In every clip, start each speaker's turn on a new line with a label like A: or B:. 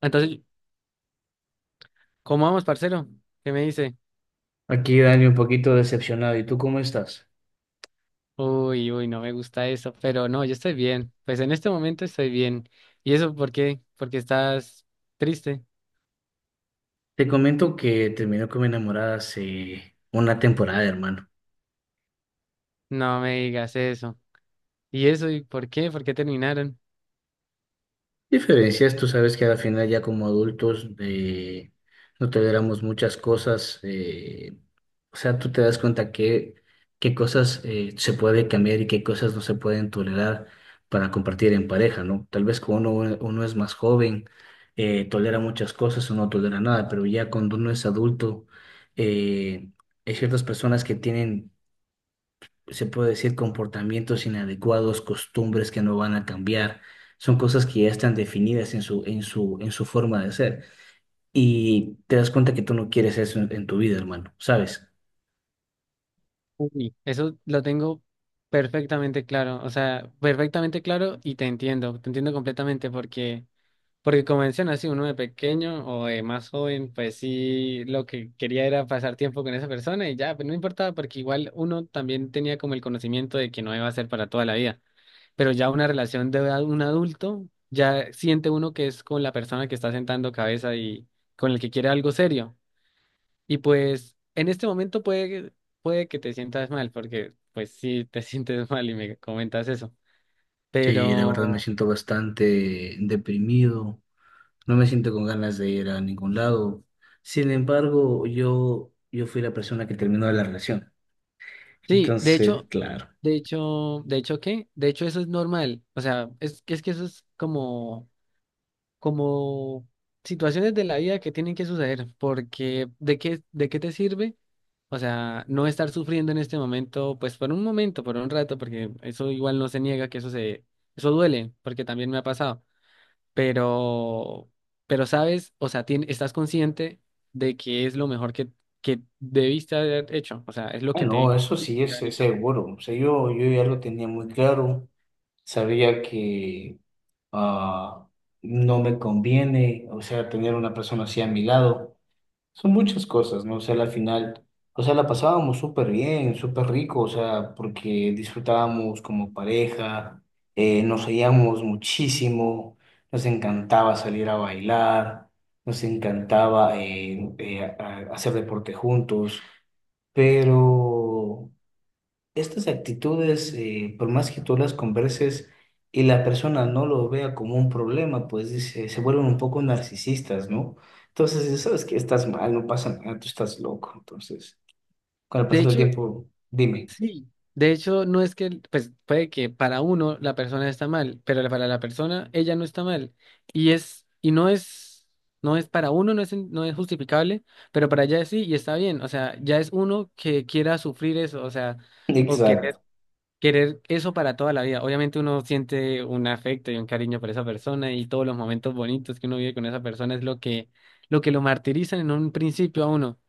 A: Entonces, ¿cómo vamos, parcero? ¿Qué me dice?
B: Aquí, Dani, un poquito decepcionado. ¿Y tú cómo estás?
A: Uy, uy, no me gusta eso, pero no, yo estoy bien. Pues en este momento estoy bien. ¿Y eso por qué? Porque estás triste.
B: Te comento que terminé con mi enamorada hace una temporada, hermano.
A: No me digas eso. ¿Y eso y por qué? ¿Por qué terminaron?
B: Diferencias, tú sabes que al final ya como adultos no toleramos muchas cosas, o sea, tú te das cuenta que qué cosas se puede cambiar y qué cosas no se pueden tolerar para compartir en pareja, ¿no? Tal vez cuando uno es más joven tolera muchas cosas o no tolera nada, pero ya cuando uno es adulto eh, hay ciertas personas que tienen, se puede decir, comportamientos inadecuados, costumbres que no van a cambiar. Son cosas que ya están definidas en su forma de ser. Y te das cuenta que tú no quieres eso en tu vida, hermano, ¿sabes?
A: Uy, eso lo tengo perfectamente claro. O sea, perfectamente claro y te entiendo. Te entiendo completamente porque como mencionas, si uno de pequeño o de más joven, pues sí, lo que quería era pasar tiempo con esa persona y ya, pues no importaba, porque igual uno también tenía como el conocimiento de que no iba a ser para toda la vida. Pero ya una un adulto, ya siente uno que es con la persona que está sentando cabeza y con el que quiere algo serio. Y pues en este momento puede que te sientas mal, porque pues sí te sientes mal y me comentas eso.
B: Sí, la verdad me
A: Pero...
B: siento bastante deprimido. No me siento con ganas de ir a ningún lado. Sin embargo, yo fui la persona que terminó la relación.
A: Sí, de
B: Entonces,
A: hecho,
B: claro.
A: de hecho, ¿qué? De hecho, eso es normal. O sea, es que eso es como, como situaciones de la vida que tienen que suceder, porque ¿ de qué te sirve? O sea, no estar sufriendo en este momento, pues por un momento, por un rato, porque eso igual no se niega eso duele, porque también me ha pasado. Pero, pero sabes, o sea, estás consciente de que es lo mejor que debiste haber hecho. O sea, es lo
B: Ah,
A: que
B: no,
A: te
B: eso sí
A: debiste
B: es,
A: haber
B: es
A: hecho.
B: seguro. O sea, yo ya lo tenía muy claro. Sabía que ah, no me conviene, o sea, tener una persona así a mi lado. Son muchas cosas, ¿no? O sea, al final, o sea, la pasábamos súper bien, súper rico, o sea, porque disfrutábamos como pareja, nos oíamos muchísimo, nos encantaba salir a bailar, nos encantaba hacer deporte juntos, pero... Estas actitudes, por más que tú las converses y la persona no lo vea como un problema, pues dice, se vuelven un poco narcisistas, ¿no? Entonces, dices, sabes que estás mal, no pasa nada, tú estás loco. Entonces, con el
A: De
B: pasar del
A: hecho,
B: tiempo, dime.
A: sí. De hecho, no es que, pues puede que para uno la persona está mal, pero para la persona ella no está mal. Y es, y no es, no es para uno, no es justificable, pero para ella sí y está bien. O sea, ya es uno que quiera sufrir eso, o sea, o
B: Exacto,
A: querer eso para toda la vida. Obviamente uno siente un afecto y un cariño por esa persona y todos los momentos bonitos que uno vive con esa persona es lo que lo que lo martirizan en un principio a uno.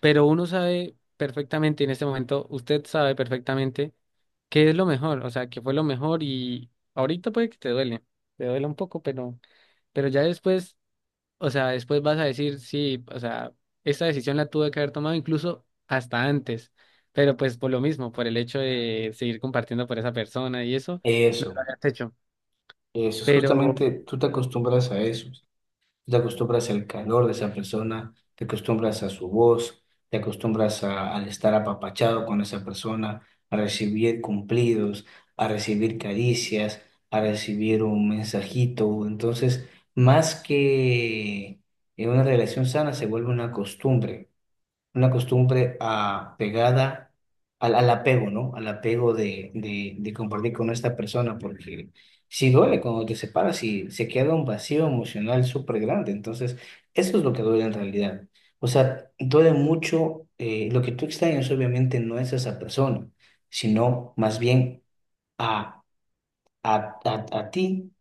A: Pero uno sabe perfectamente en este momento, usted sabe perfectamente qué es lo mejor, o sea, qué fue lo mejor y ahorita puede que te duele un poco, pero ya después, o sea, después vas a decir, sí, o sea, esta decisión la tuve que haber tomado incluso hasta antes, pero pues por lo mismo, por el hecho de seguir compartiendo por esa persona y eso,
B: eso,
A: has hecho.
B: eso es
A: Pero
B: justamente, tú te acostumbras a eso. Te acostumbras al calor de esa persona, te acostumbras a su voz, te acostumbras al estar apapachado con esa persona, a recibir cumplidos, a recibir caricias, a recibir un mensajito. Entonces, más que en una relación sana, se vuelve una costumbre, pegada al apego, ¿no? Al apego de compartir con esta persona, porque si duele cuando te separas y se queda un vacío emocional súper grande, entonces eso es lo que duele en realidad. O sea, duele mucho, lo que tú extrañas obviamente no es esa persona, sino más bien a, a, a ti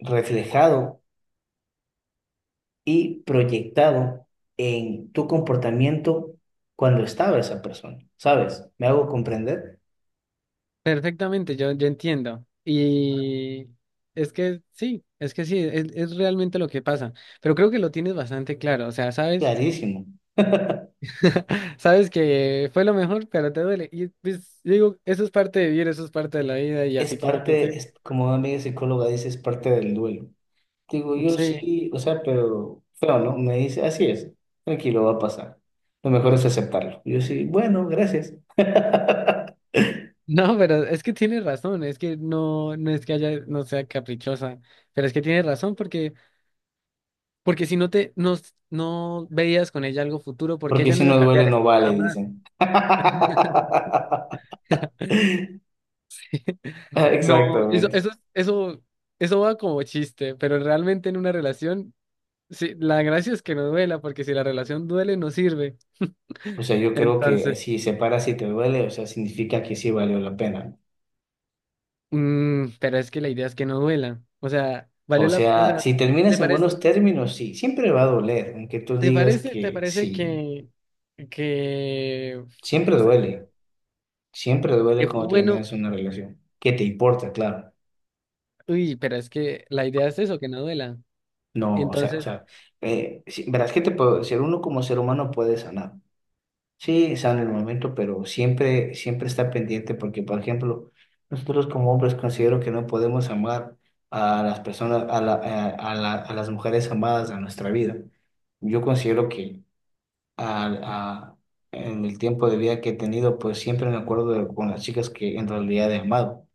B: reflejado y proyectado en tu comportamiento cuando estaba esa persona, ¿sabes? ¿Me hago comprender?
A: perfectamente, yo entiendo. Y es que sí, es realmente lo que pasa. Pero creo que lo tienes bastante claro. O sea, sabes,
B: Clarísimo.
A: sabes que fue lo mejor, pero te duele. Y pues digo, eso es parte de vivir, eso es parte de la vida y
B: Es
A: así tiene que
B: parte,
A: ser.
B: como una amiga psicóloga dice, es parte del duelo. Digo, yo
A: Sí.
B: sí, o sea, pero feo, ¿no? Me dice, así es, tranquilo, va a pasar. Lo mejor es
A: Ujú.
B: aceptarlo. Yo sí, bueno, gracias.
A: No, pero es que tienes razón, es que no, no es que haya, no sea caprichosa, pero es que tienes razón porque, porque si no no veías con ella algo futuro, porque
B: Porque
A: ella no
B: si
A: iba a
B: no duele,
A: cambiar
B: no vale,
A: jamás.
B: dicen.
A: No, eso,
B: Exactamente.
A: eso, es- eso, eso va como chiste, pero realmente en una relación, sí, la gracia es que no duela, porque si la relación duele, no sirve.
B: O sea, yo creo que
A: Entonces,
B: si se para, si te duele, o sea, significa que sí valió la pena.
A: pero es que la idea es que no duela. O sea,
B: O
A: o
B: sea,
A: sea,
B: si terminas
A: ¿te
B: en
A: parece,
B: buenos términos, sí, siempre va a doler, aunque tú digas
A: te
B: que
A: parece
B: sí,
A: que
B: siempre
A: o sea,
B: duele, siempre duele
A: que fue
B: cuando
A: bueno?
B: terminas una relación. ¿Qué te importa? Claro.
A: Uy, pero es que la idea es eso, que no duela.
B: No, o
A: Entonces,
B: sea, sí, verás que te puedo decir, uno como ser humano puede sanar. Sí, sale el momento, pero siempre, siempre está pendiente porque, por ejemplo, nosotros como hombres considero que no podemos amar a las personas, a las mujeres amadas a nuestra vida. Yo considero que al- a- en el tiempo de vida que he tenido, pues siempre me acuerdo con las chicas que en realidad he amado.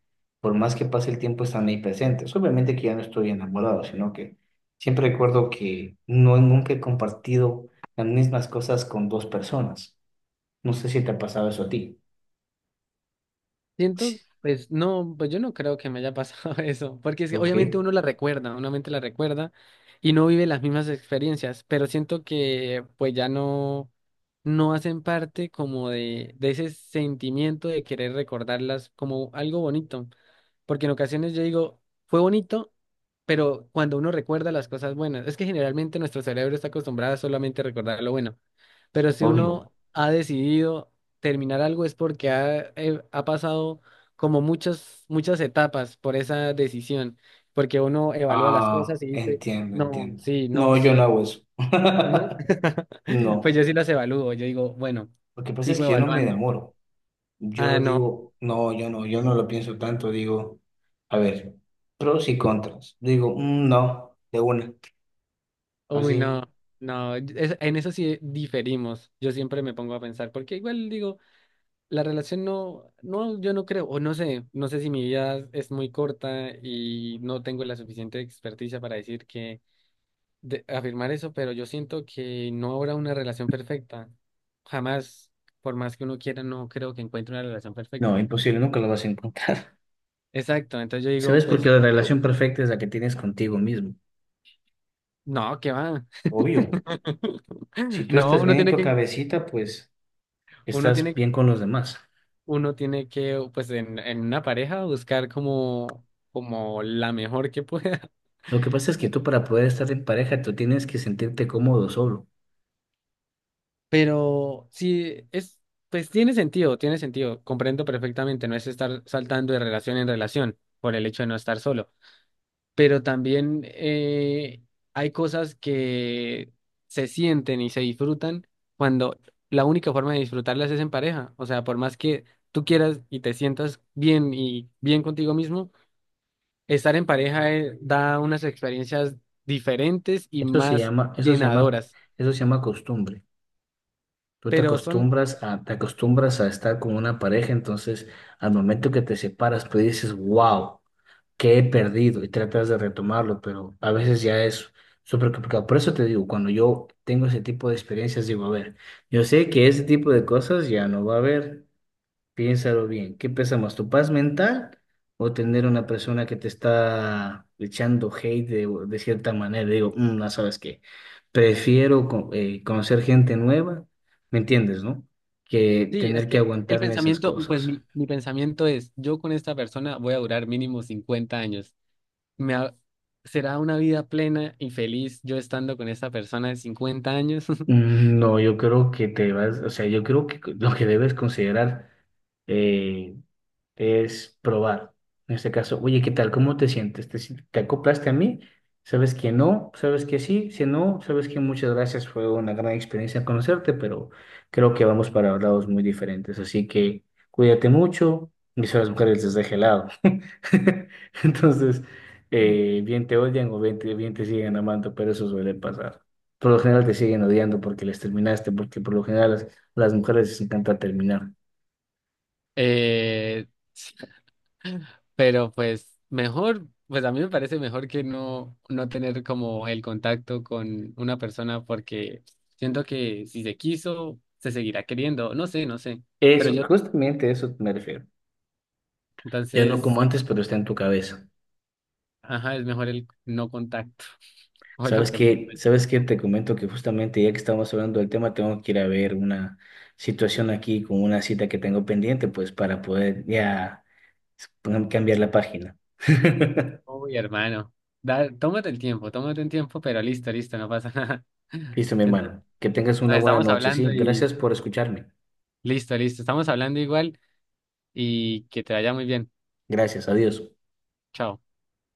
B: Por más que pase el tiempo, están ahí presentes. Obviamente que ya no estoy enamorado, sino que siempre recuerdo que no nunca he compartido las mismas cosas con dos personas. No sé si te ha pasado eso a ti. Sí.
A: siento, pues no, pues yo no creo que me haya pasado eso, porque es que
B: Ok,
A: obviamente uno la recuerda, uno mente la recuerda y no vive las mismas experiencias, pero siento que pues ya no, no hacen parte como de ese sentimiento de querer recordarlas como algo bonito, porque en ocasiones yo digo, fue bonito, pero cuando uno recuerda las cosas buenas, es que generalmente nuestro cerebro está acostumbrado a solamente recordar lo bueno. Pero si
B: obvio.
A: uno ha decidido terminar algo es porque ha, ha pasado como muchas etapas por esa decisión, porque uno evalúa las
B: Ah,
A: cosas y dice,
B: entiendo,
A: no,
B: entiendo.
A: sí, no,
B: No, yo no
A: sí,
B: hago eso.
A: no. Pues
B: No.
A: yo sí las evalúo, yo digo, bueno,
B: Lo que pasa es
A: sigo
B: que yo no me
A: evaluando.
B: demoro.
A: Ah,
B: Yo
A: no,
B: digo, no, yo no lo pienso tanto. Digo, a ver, pros y contras. Digo, no, de una.
A: uy, no,
B: Así.
A: en eso sí diferimos. Yo siempre me pongo a pensar, porque igual digo, la relación yo no creo, o no sé, no sé si mi vida es muy corta y no tengo la suficiente experticia para decir que de afirmar eso, pero yo siento que no habrá una relación perfecta. Jamás, por más que uno quiera, no creo que encuentre una relación
B: No,
A: perfecta.
B: imposible, nunca lo vas a encontrar.
A: Exacto, entonces yo digo,
B: ¿Sabes? Porque la relación perfecta es la que tienes contigo mismo.
A: no, ¿qué va?
B: Obvio. Si tú
A: No,
B: estás
A: uno
B: bien en
A: tiene
B: tu
A: que,
B: cabecita, pues
A: uno
B: estás
A: tiene,
B: bien con los demás.
A: uno tiene que, pues, en una pareja buscar como, como la mejor que pueda.
B: Lo que pasa es que tú para poder estar en pareja, tú tienes que sentirte cómodo solo.
A: Pero sí, es, pues tiene sentido, comprendo perfectamente, no es estar saltando de relación en relación por el hecho de no estar solo. Pero también hay cosas que se sienten y se disfrutan cuando la única forma de disfrutarlas es en pareja. O sea, por más que tú quieras y te sientas bien y bien contigo mismo, estar en pareja da unas experiencias diferentes y
B: Eso se
A: más
B: llama, eso se llama,
A: llenadoras.
B: eso se llama costumbre. Tú te
A: Pero son,
B: acostumbras a, te acostumbras a estar con una pareja, entonces al momento que te separas, tú dices, wow, ¿qué he perdido? Y tratas de retomarlo, pero a veces ya es súper complicado. Por eso te digo, cuando yo tengo ese tipo de experiencias, digo, a ver, yo sé que ese tipo de cosas ya no va a haber. Piénsalo bien, ¿qué pesa más, tu paz mental o tener una persona que te está echando hate de cierta manera? Digo, no sabes qué, prefiero conocer gente nueva, ¿me entiendes, no? Que
A: sí, es
B: tener que
A: que el
B: aguantarme esas
A: pensamiento, pues
B: cosas.
A: mi pensamiento es, yo con esta persona voy a durar mínimo 50 años. me ha- Será una vida plena y feliz yo estando con esta persona de 50 años.
B: No, yo creo que te vas, o sea, yo creo que lo que debes considerar eh, es probar. En este caso, oye, ¿qué tal? ¿Cómo te sientes? ¿Te, si- te acoplaste a mí? ¿Sabes que no? ¿Sabes que sí? Si no, sabes que muchas gracias. Fue una gran experiencia conocerte, pero creo que vamos para lados muy diferentes. Así que cuídate mucho. Y si las mujeres les deje helado. Entonces, bien te odian o bien te siguen amando, pero eso suele pasar. Por lo general te siguen odiando porque les terminaste, porque por lo general las mujeres les encanta terminar.
A: Eh, pero pues mejor, pues a mí me parece mejor que no, no tener como el contacto con una persona porque siento que si se quiso, se seguirá queriendo. No sé, no sé. Pero
B: Eso,
A: yo,
B: justamente a eso me refiero. Ya no como
A: entonces,
B: antes, pero está en tu cabeza.
A: ajá, es mejor el no contacto. O es lo
B: ¿Sabes
A: que pienso
B: qué?
A: yo.
B: ¿Sabes qué? Te comento que justamente ya que estamos hablando del tema, tengo que ir a ver una situación aquí con una cita que tengo pendiente, pues para poder ya cambiar la página.
A: Uy, hermano. Da, tómate el tiempo, pero listo, listo, no pasa nada.
B: Listo, mi
A: Entonces
B: hermano. Que tengas una
A: nos
B: buena
A: estamos
B: noche, ¿sí?
A: hablando y
B: Gracias por escucharme.
A: listo, listo. Estamos hablando igual y que te vaya muy bien.
B: Gracias, adiós.
A: Chao.